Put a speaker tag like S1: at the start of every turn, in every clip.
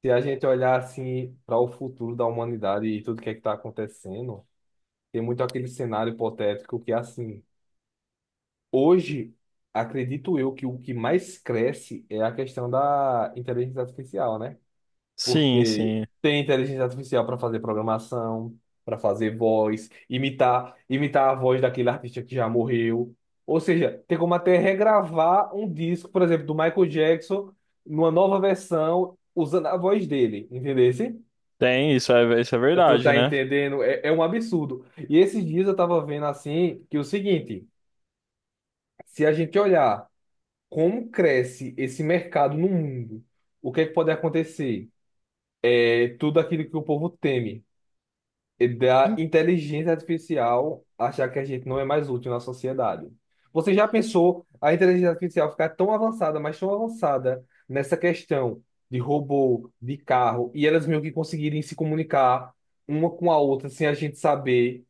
S1: Se a gente olhar assim para o futuro da humanidade e tudo que é que está acontecendo, tem muito aquele cenário hipotético que assim, hoje acredito eu que o que mais cresce é a questão da inteligência artificial, né?
S2: Sim,
S1: Porque
S2: sim.
S1: tem inteligência artificial para fazer programação, para fazer voz, imitar a voz daquele artista que já morreu. Ou seja, tem como até regravar um disco, por exemplo, do Michael Jackson, numa nova versão, usando a voz dele, entendeu?
S2: Tem, isso é
S1: Tu
S2: verdade,
S1: tá
S2: né?
S1: entendendo? É, é um absurdo. E esses dias eu tava vendo assim que é o seguinte, se a gente olhar como cresce esse mercado no mundo, o que é que pode acontecer? É tudo aquilo que o povo teme, é da
S2: En-
S1: inteligência artificial achar que a gente não é mais útil na sociedade. Você já pensou a inteligência artificial ficar tão avançada, mas tão avançada nessa questão de robô, de carro, e elas meio que conseguirem se comunicar uma com a outra sem a gente saber?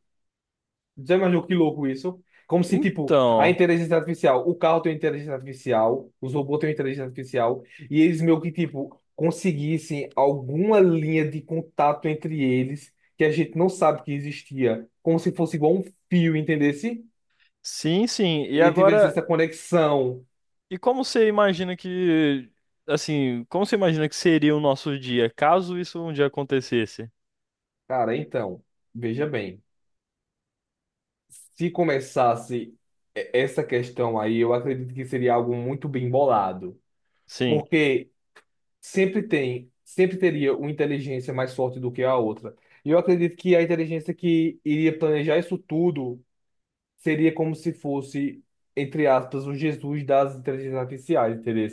S1: Zé, mas que louco isso. Como se, tipo, a
S2: Então,
S1: inteligência artificial, o carro tem inteligência artificial, os robôs têm inteligência artificial, e eles meio que, tipo, conseguissem alguma linha de contato entre eles que a gente não sabe que existia, como se fosse igual um fio, entendesse?
S2: sim, sim. E
S1: E tivesse
S2: agora,
S1: essa conexão.
S2: e como você imagina que seria o nosso dia, caso isso um dia acontecesse?
S1: Cara, então, veja bem, se começasse essa questão aí, eu acredito que seria algo muito bem bolado.
S2: Sim,
S1: Porque sempre tem, sempre teria uma inteligência mais forte do que a outra. E eu acredito que a inteligência que iria planejar isso tudo seria como se fosse, entre aspas, o Jesus das inteligências artificiais, entendeu?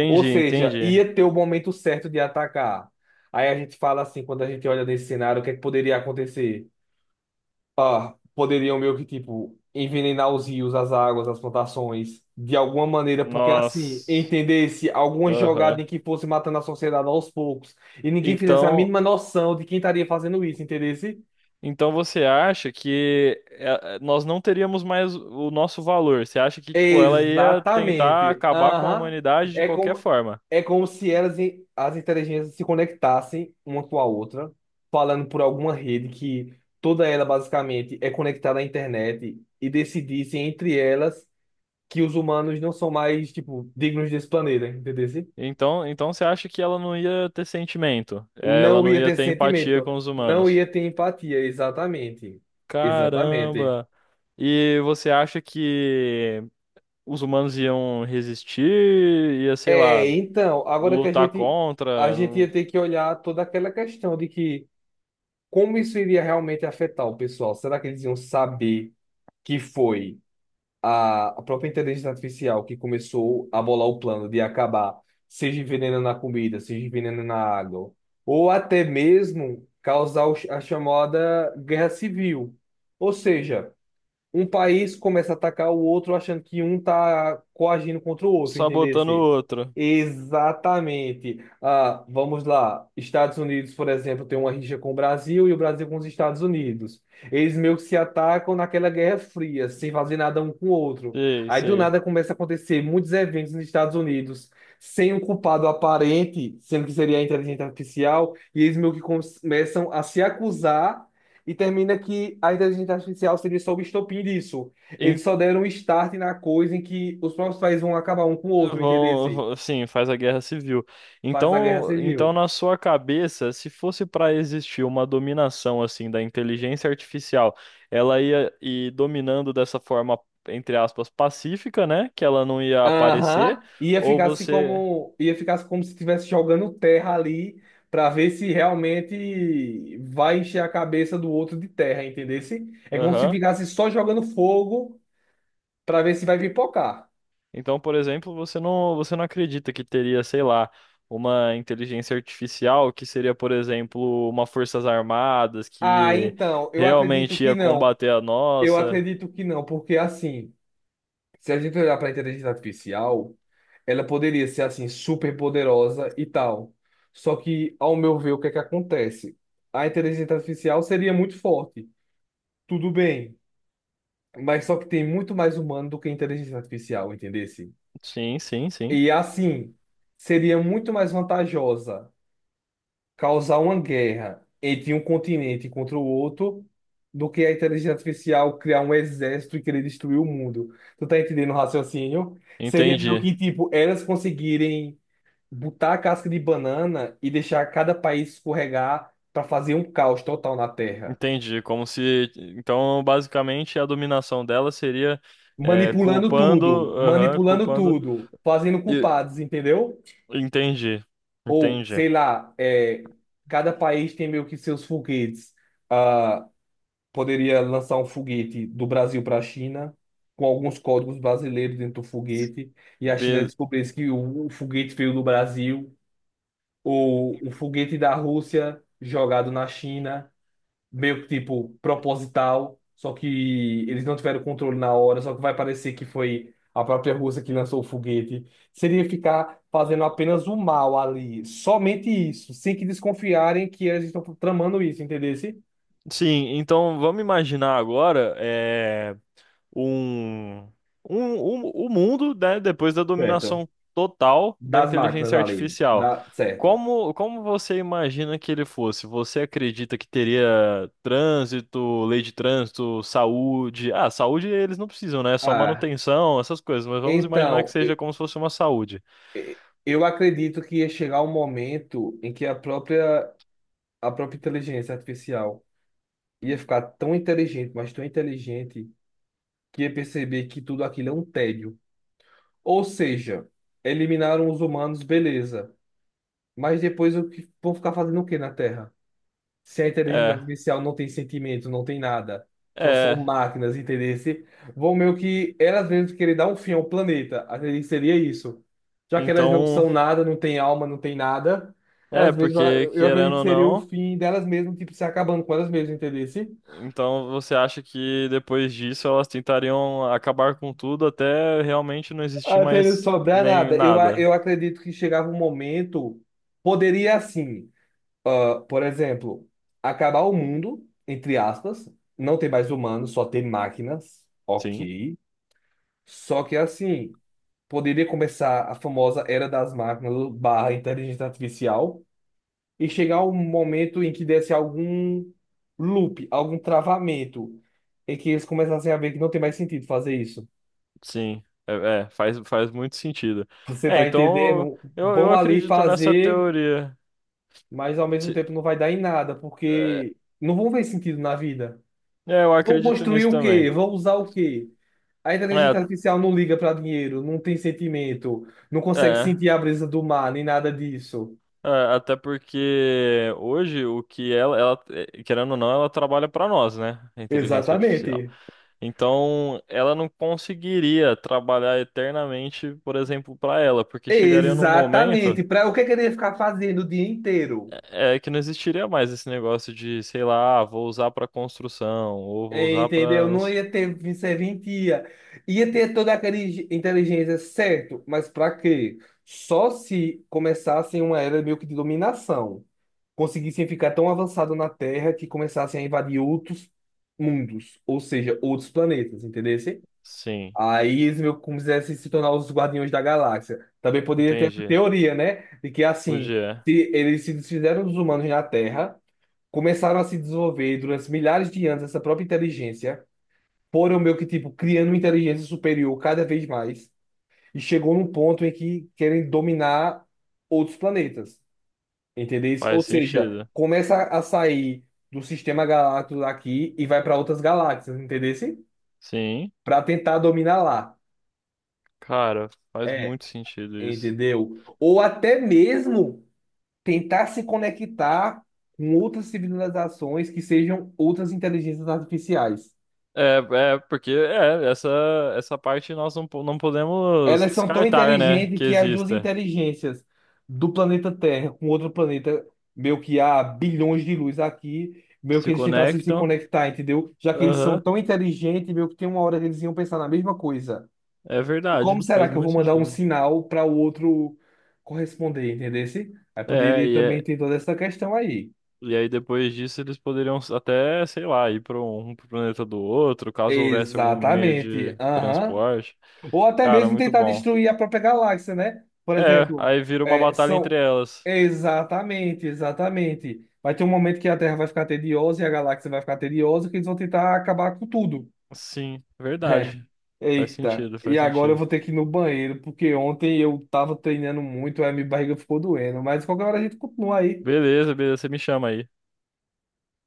S1: Ou seja,
S2: entendi.
S1: ia ter o momento certo de atacar. Aí a gente fala assim, quando a gente olha nesse cenário, o que é que poderia acontecer? Ah, poderiam meio que, tipo, envenenar os rios, as águas, as plantações, de alguma maneira, porque assim,
S2: Nós,
S1: entendesse alguma jogada
S2: aham.
S1: em que fosse matando a sociedade aos poucos, e ninguém fizesse a
S2: Então,
S1: mínima noção de quem estaria fazendo isso, entendesse?
S2: então você acha que nós não teríamos mais o nosso valor? Você acha que, tipo, ela ia tentar
S1: Exatamente.
S2: acabar com a
S1: Aham.
S2: humanidade de
S1: É
S2: qualquer
S1: como,
S2: forma?
S1: é como se elas, as inteligências se conectassem uma com a outra, falando por alguma rede que toda ela basicamente é conectada à internet e decidissem entre elas que os humanos não são mais, tipo, dignos desse planeta, entendeu?
S2: Então, então você acha que ela não ia ter sentimento? É, ela
S1: Não
S2: não
S1: ia
S2: ia
S1: ter
S2: ter empatia
S1: sentimento,
S2: com os
S1: não
S2: humanos?
S1: ia ter empatia, exatamente. Exatamente.
S2: Caramba! E você acha que os humanos iam resistir? Ia, sei
S1: É,
S2: lá,
S1: então, agora que a
S2: lutar
S1: gente a
S2: contra,
S1: gente ia ter que olhar toda aquela questão de que como isso iria realmente afetar o pessoal? Será que eles iam saber que foi? A própria inteligência artificial que começou a bolar o plano de acabar, seja envenenando na comida, seja envenenando na água, ou até mesmo causar o a chamada guerra civil. Ou seja, um país começa a atacar o outro achando que um tá coagindo contra o outro,
S2: sabotando o
S1: entendesse?
S2: outro?
S1: Exatamente. Ah, vamos lá. Estados Unidos, por exemplo, tem uma rixa com o Brasil e o Brasil com os Estados Unidos. Eles meio que se atacam naquela Guerra Fria, sem fazer nada um com o outro.
S2: Sei,
S1: Aí do
S2: sei.
S1: nada começa a acontecer muitos eventos nos Estados Unidos sem um culpado aparente, sendo que seria a inteligência artificial, e eles meio que começam a se acusar e termina que a inteligência artificial seria só o estopim disso. Eles só deram um start na coisa em que os próprios países vão acabar um com o outro, entendeu? Se
S2: Sim, faz a guerra civil.
S1: faz a guerra
S2: Então,
S1: civil.
S2: então na sua cabeça, se fosse para existir uma dominação assim da inteligência artificial, ela ia ir dominando dessa forma, entre aspas, pacífica, né? Que ela não ia aparecer,
S1: Aham. Ia
S2: ou
S1: ficar assim
S2: você,
S1: como, ia ficar assim como se estivesse jogando terra ali para ver se realmente vai encher a cabeça do outro de terra, entendeu? É como se
S2: aham.
S1: ficasse só jogando fogo para ver se vai pipocar.
S2: Então, por exemplo, você não acredita que teria, sei lá, uma inteligência artificial que seria, por exemplo, uma forças armadas
S1: Ah,
S2: que
S1: então, eu acredito
S2: realmente
S1: que
S2: ia
S1: não.
S2: combater a
S1: Eu
S2: nossa.
S1: acredito que não, porque assim. Se a gente olhar para a inteligência artificial, ela poderia ser assim super poderosa e tal. Só que, ao meu ver, o que é que acontece? A inteligência artificial seria muito forte, tudo bem, mas só que tem muito mais humano do que a inteligência artificial, entendesse?
S2: Sim, sim, sim.
S1: E assim, seria muito mais vantajosa causar uma guerra entre um continente contra o outro do que a inteligência artificial criar um exército e querer destruir o mundo. Tu tá entendendo o raciocínio? Seria meio
S2: Entendi.
S1: que, tipo, elas conseguirem botar a casca de banana e deixar cada país escorregar para fazer um caos total na Terra.
S2: Entendi. Como se. Então, basicamente, a dominação dela seria é, culpando. Aham,
S1: Manipulando
S2: culpando.
S1: tudo, fazendo
S2: e-
S1: culpados, entendeu?
S2: Entendi.
S1: Ou,
S2: Entendi.
S1: sei lá, é, cada país tem meio que seus foguetes. Ah, poderia lançar um foguete do Brasil para a China, com alguns códigos brasileiros dentro do foguete, e a China
S2: Be-
S1: descobrisse que o foguete veio do Brasil, ou um foguete da Rússia jogado na China, meio que tipo proposital, só que eles não tiveram controle na hora, só que vai parecer que foi a própria Rússia que lançou o foguete. Seria ficar fazendo apenas o mal ali, somente isso, sem que desconfiarem que eles estão tramando isso, entendeu?
S2: Sim, então vamos imaginar agora. Um, um, o mundo, né, depois da
S1: Certo.
S2: dominação total da
S1: Das máquinas
S2: inteligência
S1: ali,
S2: artificial.
S1: dá certo.
S2: Como você imagina que ele fosse? Você acredita que teria trânsito, lei de trânsito, saúde? Ah, saúde eles não precisam, né? É só
S1: Ah,
S2: manutenção, essas coisas, mas vamos imaginar que
S1: então,
S2: seja como se fosse uma saúde.
S1: e- eu acredito que ia chegar um momento em que a própria inteligência artificial ia ficar tão inteligente, mas tão inteligente, que ia perceber que tudo aquilo é um tédio. Ou seja, eliminaram os humanos, beleza. Mas depois o que vão ficar fazendo o quê na Terra? Se a inteligência
S2: É,
S1: artificial não tem sentimento, não tem nada, só são
S2: é.
S1: máquinas, entendeu? Vão meio que elas mesmas querer dar um fim ao planeta. Acredito que seria isso. Já que elas não
S2: Então,
S1: são nada, não têm alma, não têm nada,
S2: é,
S1: elas mesmas,
S2: porque
S1: eu acredito
S2: querendo
S1: que
S2: ou
S1: seria o
S2: não.
S1: fim delas mesmas, tipo, se acabando com elas mesmas, entendeu?
S2: Então você acha que depois disso elas tentariam acabar com tudo até realmente não existir
S1: Até não
S2: mais
S1: sobrar
S2: nem
S1: nada. Eu,
S2: nada?
S1: eu acredito que chegava um momento, poderia assim, ah, por exemplo, acabar o mundo, entre aspas, não ter mais humanos, só ter máquinas,
S2: Sim,
S1: ok. Só que assim, poderia começar a famosa era das máquinas barra inteligência artificial e chegar um momento em que desse algum loop, algum travamento, em que eles começassem a ver que não tem mais sentido fazer isso.
S2: sim. É, é, faz muito sentido.
S1: Você
S2: É,
S1: tá
S2: então
S1: entendendo?
S2: eu
S1: Vão ali
S2: acredito nessa
S1: fazer,
S2: teoria.
S1: mas ao mesmo
S2: Se-
S1: tempo não vai dar em nada,
S2: É,
S1: porque não vão ver sentido na vida.
S2: é, eu
S1: Vão
S2: acredito
S1: construir
S2: nisso
S1: o
S2: também.
S1: quê? Vão usar o quê? A
S2: É,
S1: inteligência artificial não liga para dinheiro, não tem sentimento, não consegue
S2: é,
S1: sentir a brisa do mar, nem nada disso.
S2: é, até porque hoje o que ela, querendo ou não, ela trabalha para nós, né? A inteligência artificial.
S1: Exatamente.
S2: Então, ela não conseguiria trabalhar eternamente, por exemplo, para ela, porque chegaria num momento
S1: Exatamente. Para o que é que ele ia ficar fazendo o dia inteiro?
S2: é que não existiria mais esse negócio de, sei lá, ah, vou usar para construção ou vou
S1: É,
S2: usar
S1: entendeu?
S2: para,
S1: Não ia ter serventia. Ia ter toda aquela inteligência, certo? Mas para quê? Só se começasse uma era meio que de dominação. Conseguissem ficar tão avançado na Terra que começassem a invadir outros mundos, ou seja, outros planetas, entendesse?
S2: sim,
S1: Aí eles meio que quisessem se tornar os Guardiões da Galáxia. Também poderia ter essa
S2: entendi.
S1: teoria, né? De que assim,
S2: Podia,
S1: se eles se desfizeram dos humanos na Terra, começaram a se desenvolver durante milhares de anos essa própria inteligência, foram meio que tipo criando uma inteligência superior cada vez mais, e chegou num ponto em que querem dominar outros planetas. Entendesse? Ou
S2: faz
S1: seja,
S2: sentido.
S1: começa a sair do sistema galáctico daqui e vai para outras galáxias, entendesse?
S2: Sim,
S1: Para tentar dominar lá.
S2: cara, faz
S1: É,
S2: muito sentido isso.
S1: entendeu? Ou até mesmo tentar se conectar com outras civilizações que sejam outras inteligências artificiais.
S2: É, é- porque é, essa parte nós não, não podemos
S1: Elas são tão
S2: descartar, né,
S1: inteligentes
S2: que
S1: que as duas
S2: exista.
S1: inteligências do planeta Terra com outro planeta, meio que há bilhões de luz aqui, meio que
S2: Se
S1: eles tentassem se
S2: conectam.
S1: conectar, entendeu? Já que eles são
S2: Aham,
S1: tão inteligentes, meio que tem uma hora que eles iam pensar na mesma coisa.
S2: é
S1: Como
S2: verdade,
S1: será
S2: faz
S1: que eu vou
S2: muito
S1: mandar um
S2: sentido.
S1: sinal para o outro corresponder, entendeu? Aí
S2: É,
S1: poderia
S2: e,
S1: também
S2: é-
S1: ter toda essa questão aí.
S2: e aí depois disso eles poderiam até, sei lá, ir para pro planeta do outro, caso houvesse algum meio
S1: Exatamente.
S2: de
S1: Aham.
S2: transporte.
S1: Ou até
S2: Cara,
S1: mesmo
S2: muito
S1: tentar
S2: bom.
S1: destruir a própria galáxia, né? Por
S2: É,
S1: exemplo,
S2: aí vira uma
S1: é,
S2: batalha entre
S1: são.
S2: elas.
S1: Exatamente, exatamente. Vai ter um momento que a Terra vai ficar tediosa e a galáxia vai ficar tediosa, que eles vão tentar acabar com tudo.
S2: Sim,
S1: É.
S2: verdade. Faz
S1: Eita,
S2: sentido,
S1: e
S2: faz
S1: agora eu
S2: sentido.
S1: vou ter que ir no banheiro, porque ontem eu tava treinando muito, aí minha barriga ficou doendo. Mas qualquer hora a gente continua aí.
S2: Beleza, beleza, você me chama aí.